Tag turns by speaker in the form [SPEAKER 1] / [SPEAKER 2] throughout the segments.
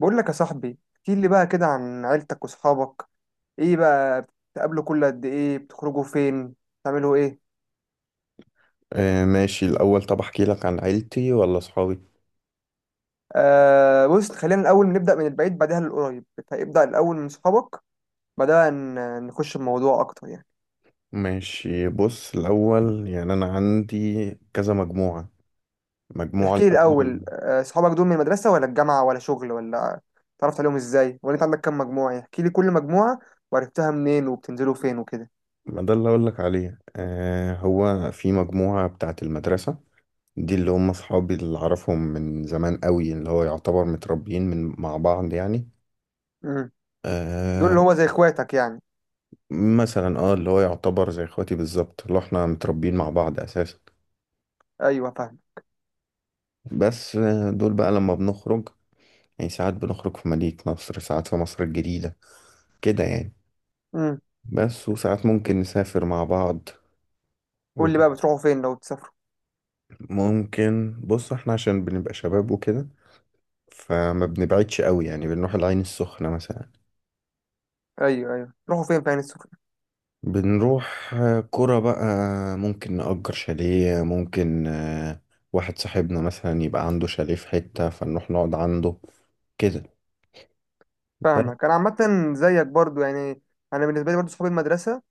[SPEAKER 1] بقول لك يا صاحبي، احكي لي بقى كده عن عيلتك واصحابك. ايه بقى، بتقابلوا كل قد ايه؟ بتخرجوا فين؟ بتعملوا ايه؟
[SPEAKER 2] آه، ماشي. الأول، طب أحكي لك عن عيلتي ولا صحابي؟
[SPEAKER 1] آه، بص، خلينا الاول نبدا من البعيد بعدها للقريب. ابدا الاول من صحابك، بعدها نخش الموضوع اكتر يعني.
[SPEAKER 2] ماشي، بص. الأول يعني أنا عندي كذا مجموعة. مجموعة
[SPEAKER 1] احكي لي
[SPEAKER 2] الأول،
[SPEAKER 1] الاول، صحابك دول من المدرسه ولا الجامعه ولا شغل، ولا تعرفت عليهم ازاي، ولا انت عندك كام مجموعه يعني؟ احكي لي كل مجموعه وعرفتها منين وبتنزلوا فين وكده.
[SPEAKER 2] ما ده اللي أقول لك عليه. هو في مجموعة بتاعة المدرسة، دي اللي هم صحابي اللي أعرفهم من زمان قوي، اللي هو يعتبر متربيين مع بعض يعني.
[SPEAKER 1] امم. دول
[SPEAKER 2] آه.
[SPEAKER 1] اللي هو زي اخواتك يعني؟
[SPEAKER 2] مثلا اللي هو يعتبر زي اخواتي بالظبط، اللي احنا متربيين مع بعض أساسا.
[SPEAKER 1] ايوه، فاهم.
[SPEAKER 2] بس دول بقى لما بنخرج، يعني ساعات بنخرج في مدينة نصر، ساعات في مصر الجديدة كده يعني.
[SPEAKER 1] امم.
[SPEAKER 2] بس وساعات ممكن نسافر مع بعض.
[SPEAKER 1] قول لي بقى بتروحوا فين لو تسافروا.
[SPEAKER 2] وممكن، بص، احنا عشان بنبقى شباب وكده فما بنبعدش قوي، يعني بنروح العين السخنة مثلا.
[SPEAKER 1] ايوه، ايوه، تروحوا فين في عين السخنه؟
[SPEAKER 2] بنروح قرى بقى. ممكن نأجر شاليه، ممكن واحد صاحبنا مثلا يبقى عنده شاليه في حتة فنروح نقعد عنده كده. بس.
[SPEAKER 1] فاهمك انا عامه، زيك برضو يعني. انا بالنسبه لي برضو صحاب المدرسه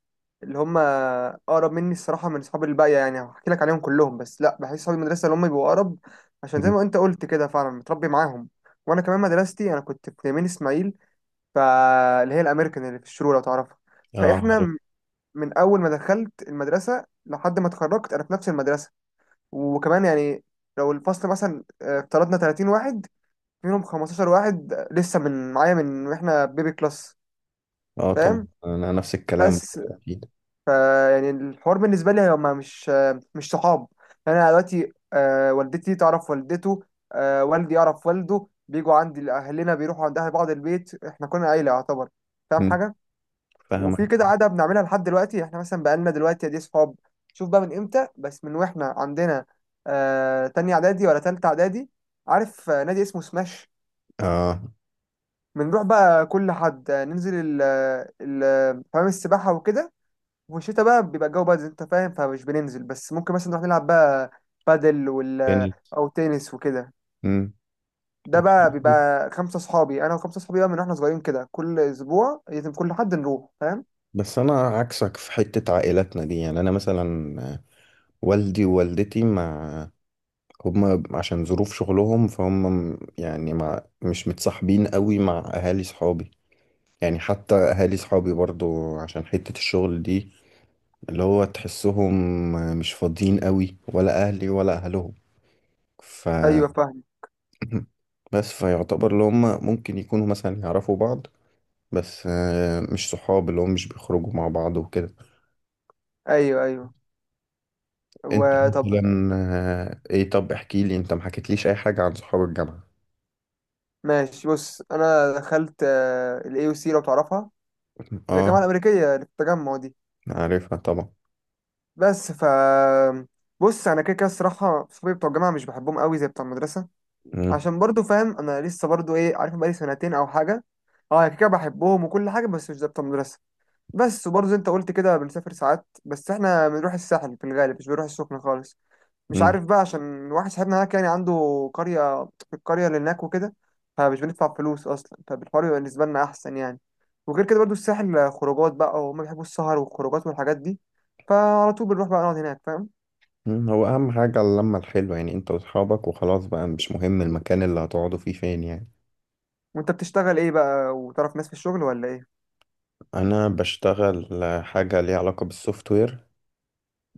[SPEAKER 1] اللي هم اقرب مني الصراحه من صحاب الباقيه، يعني هحكي لك عليهم كلهم، بس لا، بحس صحاب المدرسه اللي هم بيبقوا اقرب. عشان زي
[SPEAKER 2] م.
[SPEAKER 1] ما انت قلت كده فعلا متربي معاهم. وانا كمان مدرستي، انا كنت في يمين اسماعيل، فاللي هي الامريكان اللي في الشروق لو تعرفها.
[SPEAKER 2] اه،
[SPEAKER 1] فاحنا
[SPEAKER 2] عارف.
[SPEAKER 1] من اول ما دخلت المدرسه لحد ما اتخرجت انا في نفس المدرسه. وكمان يعني لو الفصل مثلا افترضنا 30 واحد، منهم 15 واحد لسه من معايا من واحنا بيبي كلاس.
[SPEAKER 2] اه، طبعا
[SPEAKER 1] فاهم.
[SPEAKER 2] انا نفس الكلام
[SPEAKER 1] بس
[SPEAKER 2] اكيد.
[SPEAKER 1] فا يعني الحوار بالنسبه لي هما مش صحاب. يعني انا دلوقتي والدتي تعرف والدته، والدي يعرف والده، بيجوا عندي، اهلنا بيروحوا عند اهل بعض، البيت احنا كنا عيله يعتبر. فاهم
[SPEAKER 2] م.
[SPEAKER 1] حاجه؟
[SPEAKER 2] فاهمك.
[SPEAKER 1] وفي كده عاده بنعملها لحد دلوقتي، احنا مثلا بقالنا دلوقتي دي صحاب، شوف بقى من امتى، بس من واحنا عندنا تانية اعدادي ولا تالتة اعدادي. عارف نادي اسمه سماش؟
[SPEAKER 2] اه،
[SPEAKER 1] بنروح بقى كل حد، ننزل حمام السباحه وكده. والشتا بقى بيبقى الجو بقى زي انت فاهم، فمش بننزل. بس ممكن مثلا نروح نلعب بقى بادل
[SPEAKER 2] يعني.
[SPEAKER 1] او تنس وكده.
[SPEAKER 2] م.
[SPEAKER 1] ده
[SPEAKER 2] طب،
[SPEAKER 1] بقى
[SPEAKER 2] حلو.
[SPEAKER 1] بيبقى خمسة صحابي، انا وخمسة صحابي بقى من واحنا صغيرين كده. كل اسبوع لازم كل حد نروح، فاهم.
[SPEAKER 2] بس انا عكسك في حتة عائلاتنا دي. يعني انا مثلا والدي ووالدتي، مع هما عشان ظروف شغلهم فهم يعني مش متصاحبين قوي مع اهالي صحابي. يعني حتى اهالي صحابي برضو، عشان حتة الشغل دي، اللي هو تحسهم مش فاضيين قوي، ولا اهلي ولا اهلهم. ف
[SPEAKER 1] ايوه فاهم.
[SPEAKER 2] بس فيعتبر اللي هم ممكن يكونوا مثلا يعرفوا بعض، بس مش صحاب، اللي هم مش بيخرجوا مع بعض وكده.
[SPEAKER 1] ايوه، ايوه.
[SPEAKER 2] انت
[SPEAKER 1] وطب،
[SPEAKER 2] مثلا آه، ايه طب احكي لي، انت ما حكيتليش اي حاجة عن صحاب الجامعة.
[SPEAKER 1] ماشي بص، انا دخلت الاي او سي لو تعرفها، اللي هي الجامعه
[SPEAKER 2] اه،
[SPEAKER 1] الامريكيه اللي في التجمع دي.
[SPEAKER 2] عارفها طبعا.
[SPEAKER 1] بس بص، انا كده كده الصراحه صحابي بتوع الجامعه مش بحبهم قوي زي بتوع المدرسه.
[SPEAKER 2] مم.
[SPEAKER 1] عشان برضو فاهم، انا لسه برضو ايه عارف، بقالي سنتين او حاجه. اه يعني كده بحبهم وكل حاجه، بس مش ضابطه مدرسه. بس وبرضو زي انت قلت كده، بنسافر ساعات، بس احنا بنروح الساحل في الغالب، مش بنروح السخنه خالص، مش
[SPEAKER 2] مم.
[SPEAKER 1] عارف بقى. عشان واحد صاحبنا هناك يعني عنده قريه، في القريه اللي هناك وكده. فمش بندفع فلوس اصلا، فبالحوار يبقى بالنسبه لنا احسن يعني. وغير كده برضو الساحل خروجات بقى، وهم بيحبوا السهر والخروجات والحاجات دي، فعلى طول بنروح بقى نقعد هناك، فاهم.
[SPEAKER 2] مم. هو اهم حاجة اللمة الحلوة، يعني انت واصحابك وخلاص بقى، مش مهم المكان اللي هتقعدوا فيه فين يعني.
[SPEAKER 1] وانت بتشتغل ايه بقى؟ وتعرف ناس في الشغل ولا ايه؟
[SPEAKER 2] انا بشتغل حاجة ليها علاقة بالسوفت وير.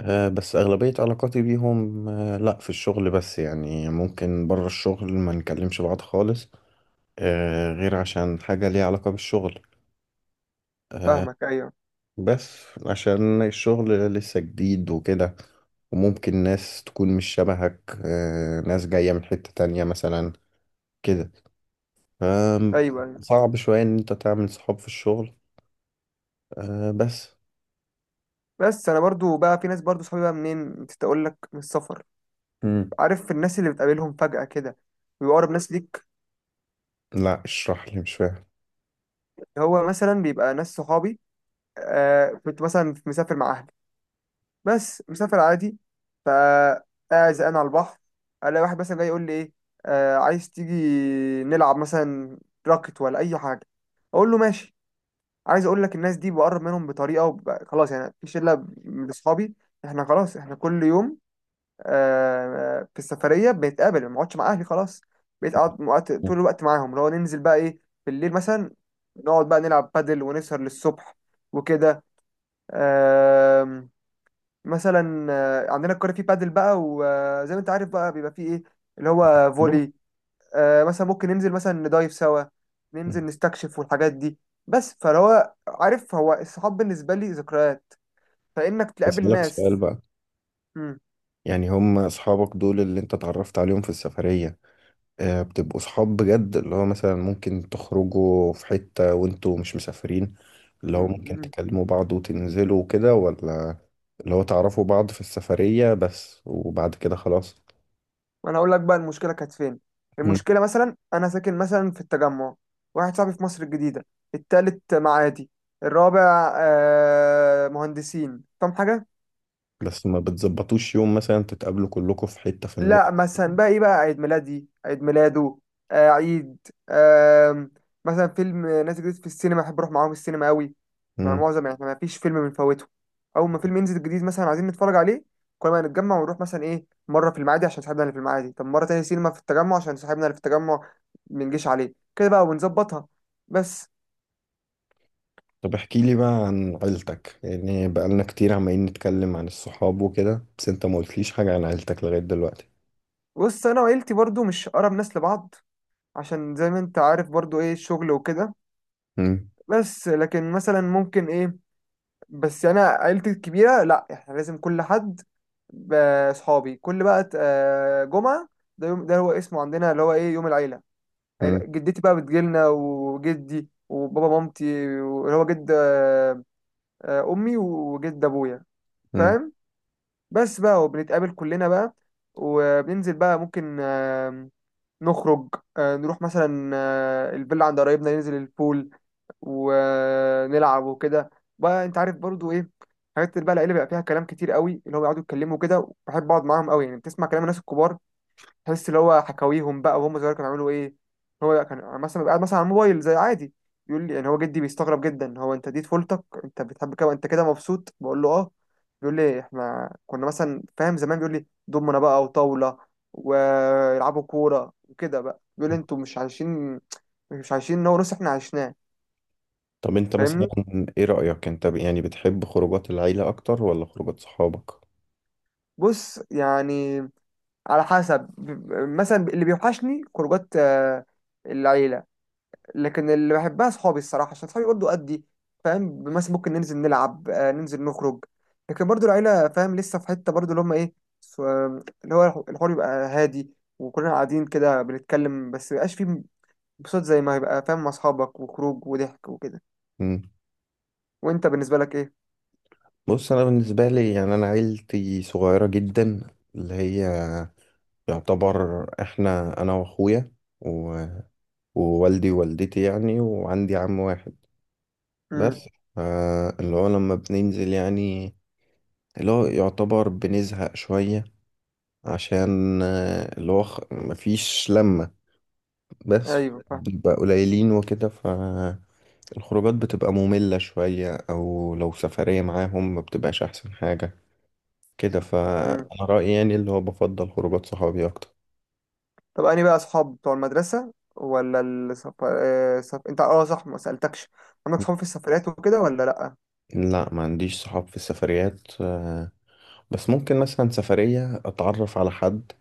[SPEAKER 2] بس اغلبية علاقاتي بيهم، لا في الشغل بس. يعني ممكن بره الشغل ما نكلمش بعض خالص، غير عشان حاجة ليها علاقة بالشغل. آه،
[SPEAKER 1] فاهمك، ايوه،
[SPEAKER 2] بس عشان الشغل لسه جديد وكده، وممكن ناس تكون مش شبهك، ناس جاية من حتة تانية مثلا كده. آم،
[SPEAKER 1] ايوه.
[SPEAKER 2] صعب شوية إن أنت تعمل صحاب في الشغل، بس.
[SPEAKER 1] بس انا برضو بقى في ناس برضو صحابي بقى منين، نسيت اقول لك، من السفر.
[SPEAKER 2] مم.
[SPEAKER 1] عارف الناس اللي بتقابلهم فجأة كده، بيبقى اقرب ناس ليك.
[SPEAKER 2] لا، اشرح لي، مش فاهم.
[SPEAKER 1] هو مثلا بيبقى ناس صحابي. كنت مثلا مسافر مع اهلي، بس مسافر عادي، فقاعد زقان على البحر، الاقي واحد مثلا جاي يقول لي ايه، آه عايز تيجي نلعب مثلا راكت ولا اي حاجه، اقول له ماشي. عايز اقول لك الناس دي بقرب منهم بطريقه، خلاص يعني. في شله من اصحابي احنا خلاص، احنا كل يوم في السفريه بنتقابل، ما بقعدش مع اهلي خلاص. بقيت اقعد طول الوقت معاهم، اللي هو ننزل بقى ايه، بالليل مثلا نقعد بقى نلعب بادل ونسهر للصبح وكده. آم، مثلا عندنا الكوره فيه بادل بقى، وزي ما انت عارف بقى بيبقى فيه ايه، اللي هو
[SPEAKER 2] مم.
[SPEAKER 1] فولي. مثلا ممكن ننزل مثلا ندايف سوا، ننزل نستكشف والحاجات دي. بس فهو عارف، هو الصحاب بالنسبه لي ذكريات، فانك تقابل
[SPEAKER 2] أسألك سؤال
[SPEAKER 1] ناس.
[SPEAKER 2] بقى. يعني هم أصحابك دول اللي أنت اتعرفت عليهم في السفرية، بتبقوا صحاب بجد اللي هو مثلا ممكن تخرجوا في حتة وانتوا مش مسافرين، اللي هو ممكن
[SPEAKER 1] مم.
[SPEAKER 2] تكلموا بعض وتنزلوا وكده؟ ولا اللي هو تعرفوا بعض في السفرية بس وبعد كده خلاص؟
[SPEAKER 1] ما انا هقول لك بقى المشكله كانت فين.
[SPEAKER 2] مم.
[SPEAKER 1] المشكله مثلا، انا ساكن مثلا في التجمع، واحد صاحبي في مصر الجديده، التالت معادي، الرابع مهندسين. فاهم حاجه؟
[SPEAKER 2] بس ما بتظبطوش يوم مثلا تتقابلوا كلكم في حتة في النص؟
[SPEAKER 1] لا مثلا بقى ايه، بقى عيد ميلادي، عيد ميلاده، آه عيد آه مثلا فيلم نازل جديد في السينما، احب اروح معاهم السينما قوي. مع
[SPEAKER 2] مم.
[SPEAKER 1] معظم احنا ما فيش فيلم بنفوته، اول ما فيلم ينزل جديد مثلا عايزين نتفرج عليه. كل ما نتجمع ونروح مثلا ايه، مره في المعادي عشان صاحبنا اللي في المعادي، طب مره تانية سينما في التجمع عشان صاحبنا اللي في التجمع. منجيش عليه كده بقى ونظبطها. بس.
[SPEAKER 2] طب احكي لي بقى عن عيلتك. يعني بقالنا كتير عمالين نتكلم عن الصحاب وكده، بس انت ما قلتليش حاجة عن عيلتك لغاية دلوقتي.
[SPEAKER 1] بص، انا وعيلتي برضو مش اقرب ناس لبعض، عشان زي ما انت عارف برضو ايه الشغل وكده.
[SPEAKER 2] مم.
[SPEAKER 1] بس لكن مثلا ممكن ايه. بس يعني انا عيلتي الكبيره لا، احنا لازم كل حد ب- اصحابي كل بقى جمعه، ده يوم، ده هو اسمه عندنا اللي هو ايه يوم العيله.
[SPEAKER 2] مم.
[SPEAKER 1] جدتي بقى بتجيلنا، وجدي، وبابا، مامتي، اللي هو جد امي وجد ابويا. فاهم؟ بس بقى، وبنتقابل كلنا بقى، وبننزل بقى ممكن نخرج، نروح مثلا الفيلا عند قرايبنا، ننزل البول ونلعب وكده بقى. انت عارف برضو ايه، حاجات بقى العيله بيبقى فيها كلام كتير قوي، اللي هو بيقعدوا يتكلموا كده. بحب اقعد معاهم قوي يعني، بتسمع كلام الناس الكبار، تحس اللي هو حكاويهم بقى وهم صغير كانوا بيعملوا ايه. هو كان مثلا بيبقى قاعد مثلا على الموبايل زي عادي، يقول لي يعني، هو جدي بيستغرب جدا، هو انت دي طفولتك؟ انت بتحب كده؟ انت كده مبسوط؟ بقول له اه. بيقول لي احنا كنا مثلا فاهم زمان، بيقول لي دومنا بقى وطاوله، ويلعبوا كوره وكده بقى، بيقول
[SPEAKER 2] مم.
[SPEAKER 1] لي انتوا مش عايشين، مش عايشين نو نص احنا عشناه.
[SPEAKER 2] طب انت مثلا،
[SPEAKER 1] فاهمني؟
[SPEAKER 2] ايه رأيك انت يعني بتحب خروجات العيلة اكتر ولا خروجات صحابك؟
[SPEAKER 1] بص يعني على حسب. مثلا اللي بيوحشني خروجات العيلة، لكن اللي بحبها صحابي الصراحة، عشان صحابي برضه قدي. فاهم، مثلا ممكن ننزل نلعب، ننزل نخرج. لكن برضه العيلة فاهم لسه في حتة برضه اللي هم ايه، اللي هو الحوار يبقى هادي، وكلنا قاعدين كده بنتكلم، بس ميبقاش فيه انبساط زي ما هيبقى فاهم مع أصحابك، وخروج وضحك وكده.
[SPEAKER 2] مم.
[SPEAKER 1] وانت بالنسبة لك ايه؟
[SPEAKER 2] بص، انا بالنسبة لي يعني انا عيلتي صغيرة جدا، اللي هي يعتبر احنا انا واخويا و- ووالدي ووالدتي يعني، وعندي عم واحد
[SPEAKER 1] امم.
[SPEAKER 2] بس. اللي هو لما بننزل يعني، اللي هو يعتبر بنزهق شوية، عشان اللي هو مفيش لمة، بس
[SPEAKER 1] ايوه،
[SPEAKER 2] بنبقى قليلين وكده. ف الخروجات بتبقى مملة شوية، أو لو سفرية معاهم ما بتبقاش أحسن حاجة كده.
[SPEAKER 1] فاهم.
[SPEAKER 2] فأنا رأيي يعني اللي هو بفضل خروجات صحابي أكتر.
[SPEAKER 1] طب أنهي بقى أصحاب بتوع المدرسة ولا أنت، أه صح، ما سألتكش عندك صحاب في السفريات وكده ولا لأ؟
[SPEAKER 2] لا، ما عنديش صحاب في السفريات. بس ممكن مثلا سفرية أتعرف على حد،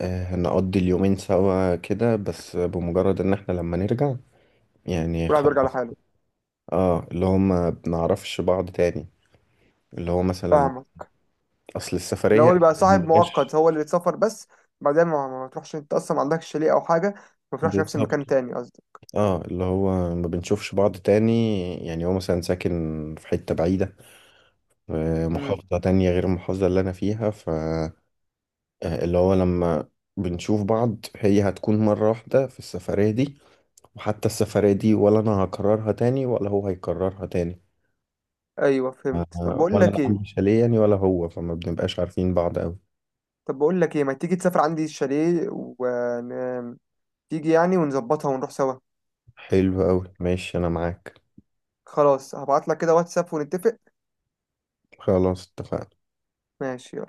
[SPEAKER 2] نقضي اليومين سوا كده، بس بمجرد إن إحنا لما نرجع يعني
[SPEAKER 1] كل واحد بيرجع
[SPEAKER 2] خلاص.
[SPEAKER 1] لحاله.
[SPEAKER 2] اه، اللي هو ما بنعرفش بعض تاني. اللي هو مثلا
[SPEAKER 1] فاهمك.
[SPEAKER 2] أصل
[SPEAKER 1] اللي
[SPEAKER 2] السفرية
[SPEAKER 1] هو بيبقى
[SPEAKER 2] ما
[SPEAKER 1] صاحب مؤقت
[SPEAKER 2] عندهاش.
[SPEAKER 1] هو اللي اتسافر بس. بعدين ما بتروحش، أنت أصلا ما عندكش شاليه أو حاجة، ما بتروحش نفس
[SPEAKER 2] بالظبط.
[SPEAKER 1] المكان تاني، قصدي.
[SPEAKER 2] اه، اللي هو ما بنشوفش بعض تاني. يعني هو مثلا ساكن في حتة بعيدة،
[SPEAKER 1] أمم.
[SPEAKER 2] محافظة تانية غير المحافظة اللي أنا فيها. ف اللي هو لما بنشوف بعض هي هتكون مرة واحدة في السفرية دي، وحتى السفرية دي ولا أنا هكررها تاني ولا هو هيكررها تاني.
[SPEAKER 1] أيوه فهمت. طب بقول
[SPEAKER 2] ولا أنا
[SPEAKER 1] لك إيه
[SPEAKER 2] عندي شاليه يعني ولا هو، فما بنبقاش عارفين بعض أوي.
[SPEAKER 1] طب بقول لك إيه ما تيجي تسافر عندي الشاليه تيجي يعني، ونظبطها ونروح سوا.
[SPEAKER 2] حلو أوي، ماشي، أنا معاك.
[SPEAKER 1] خلاص، هبعت لك كده واتساب ونتفق.
[SPEAKER 2] خلاص، اتفقنا.
[SPEAKER 1] ماشي.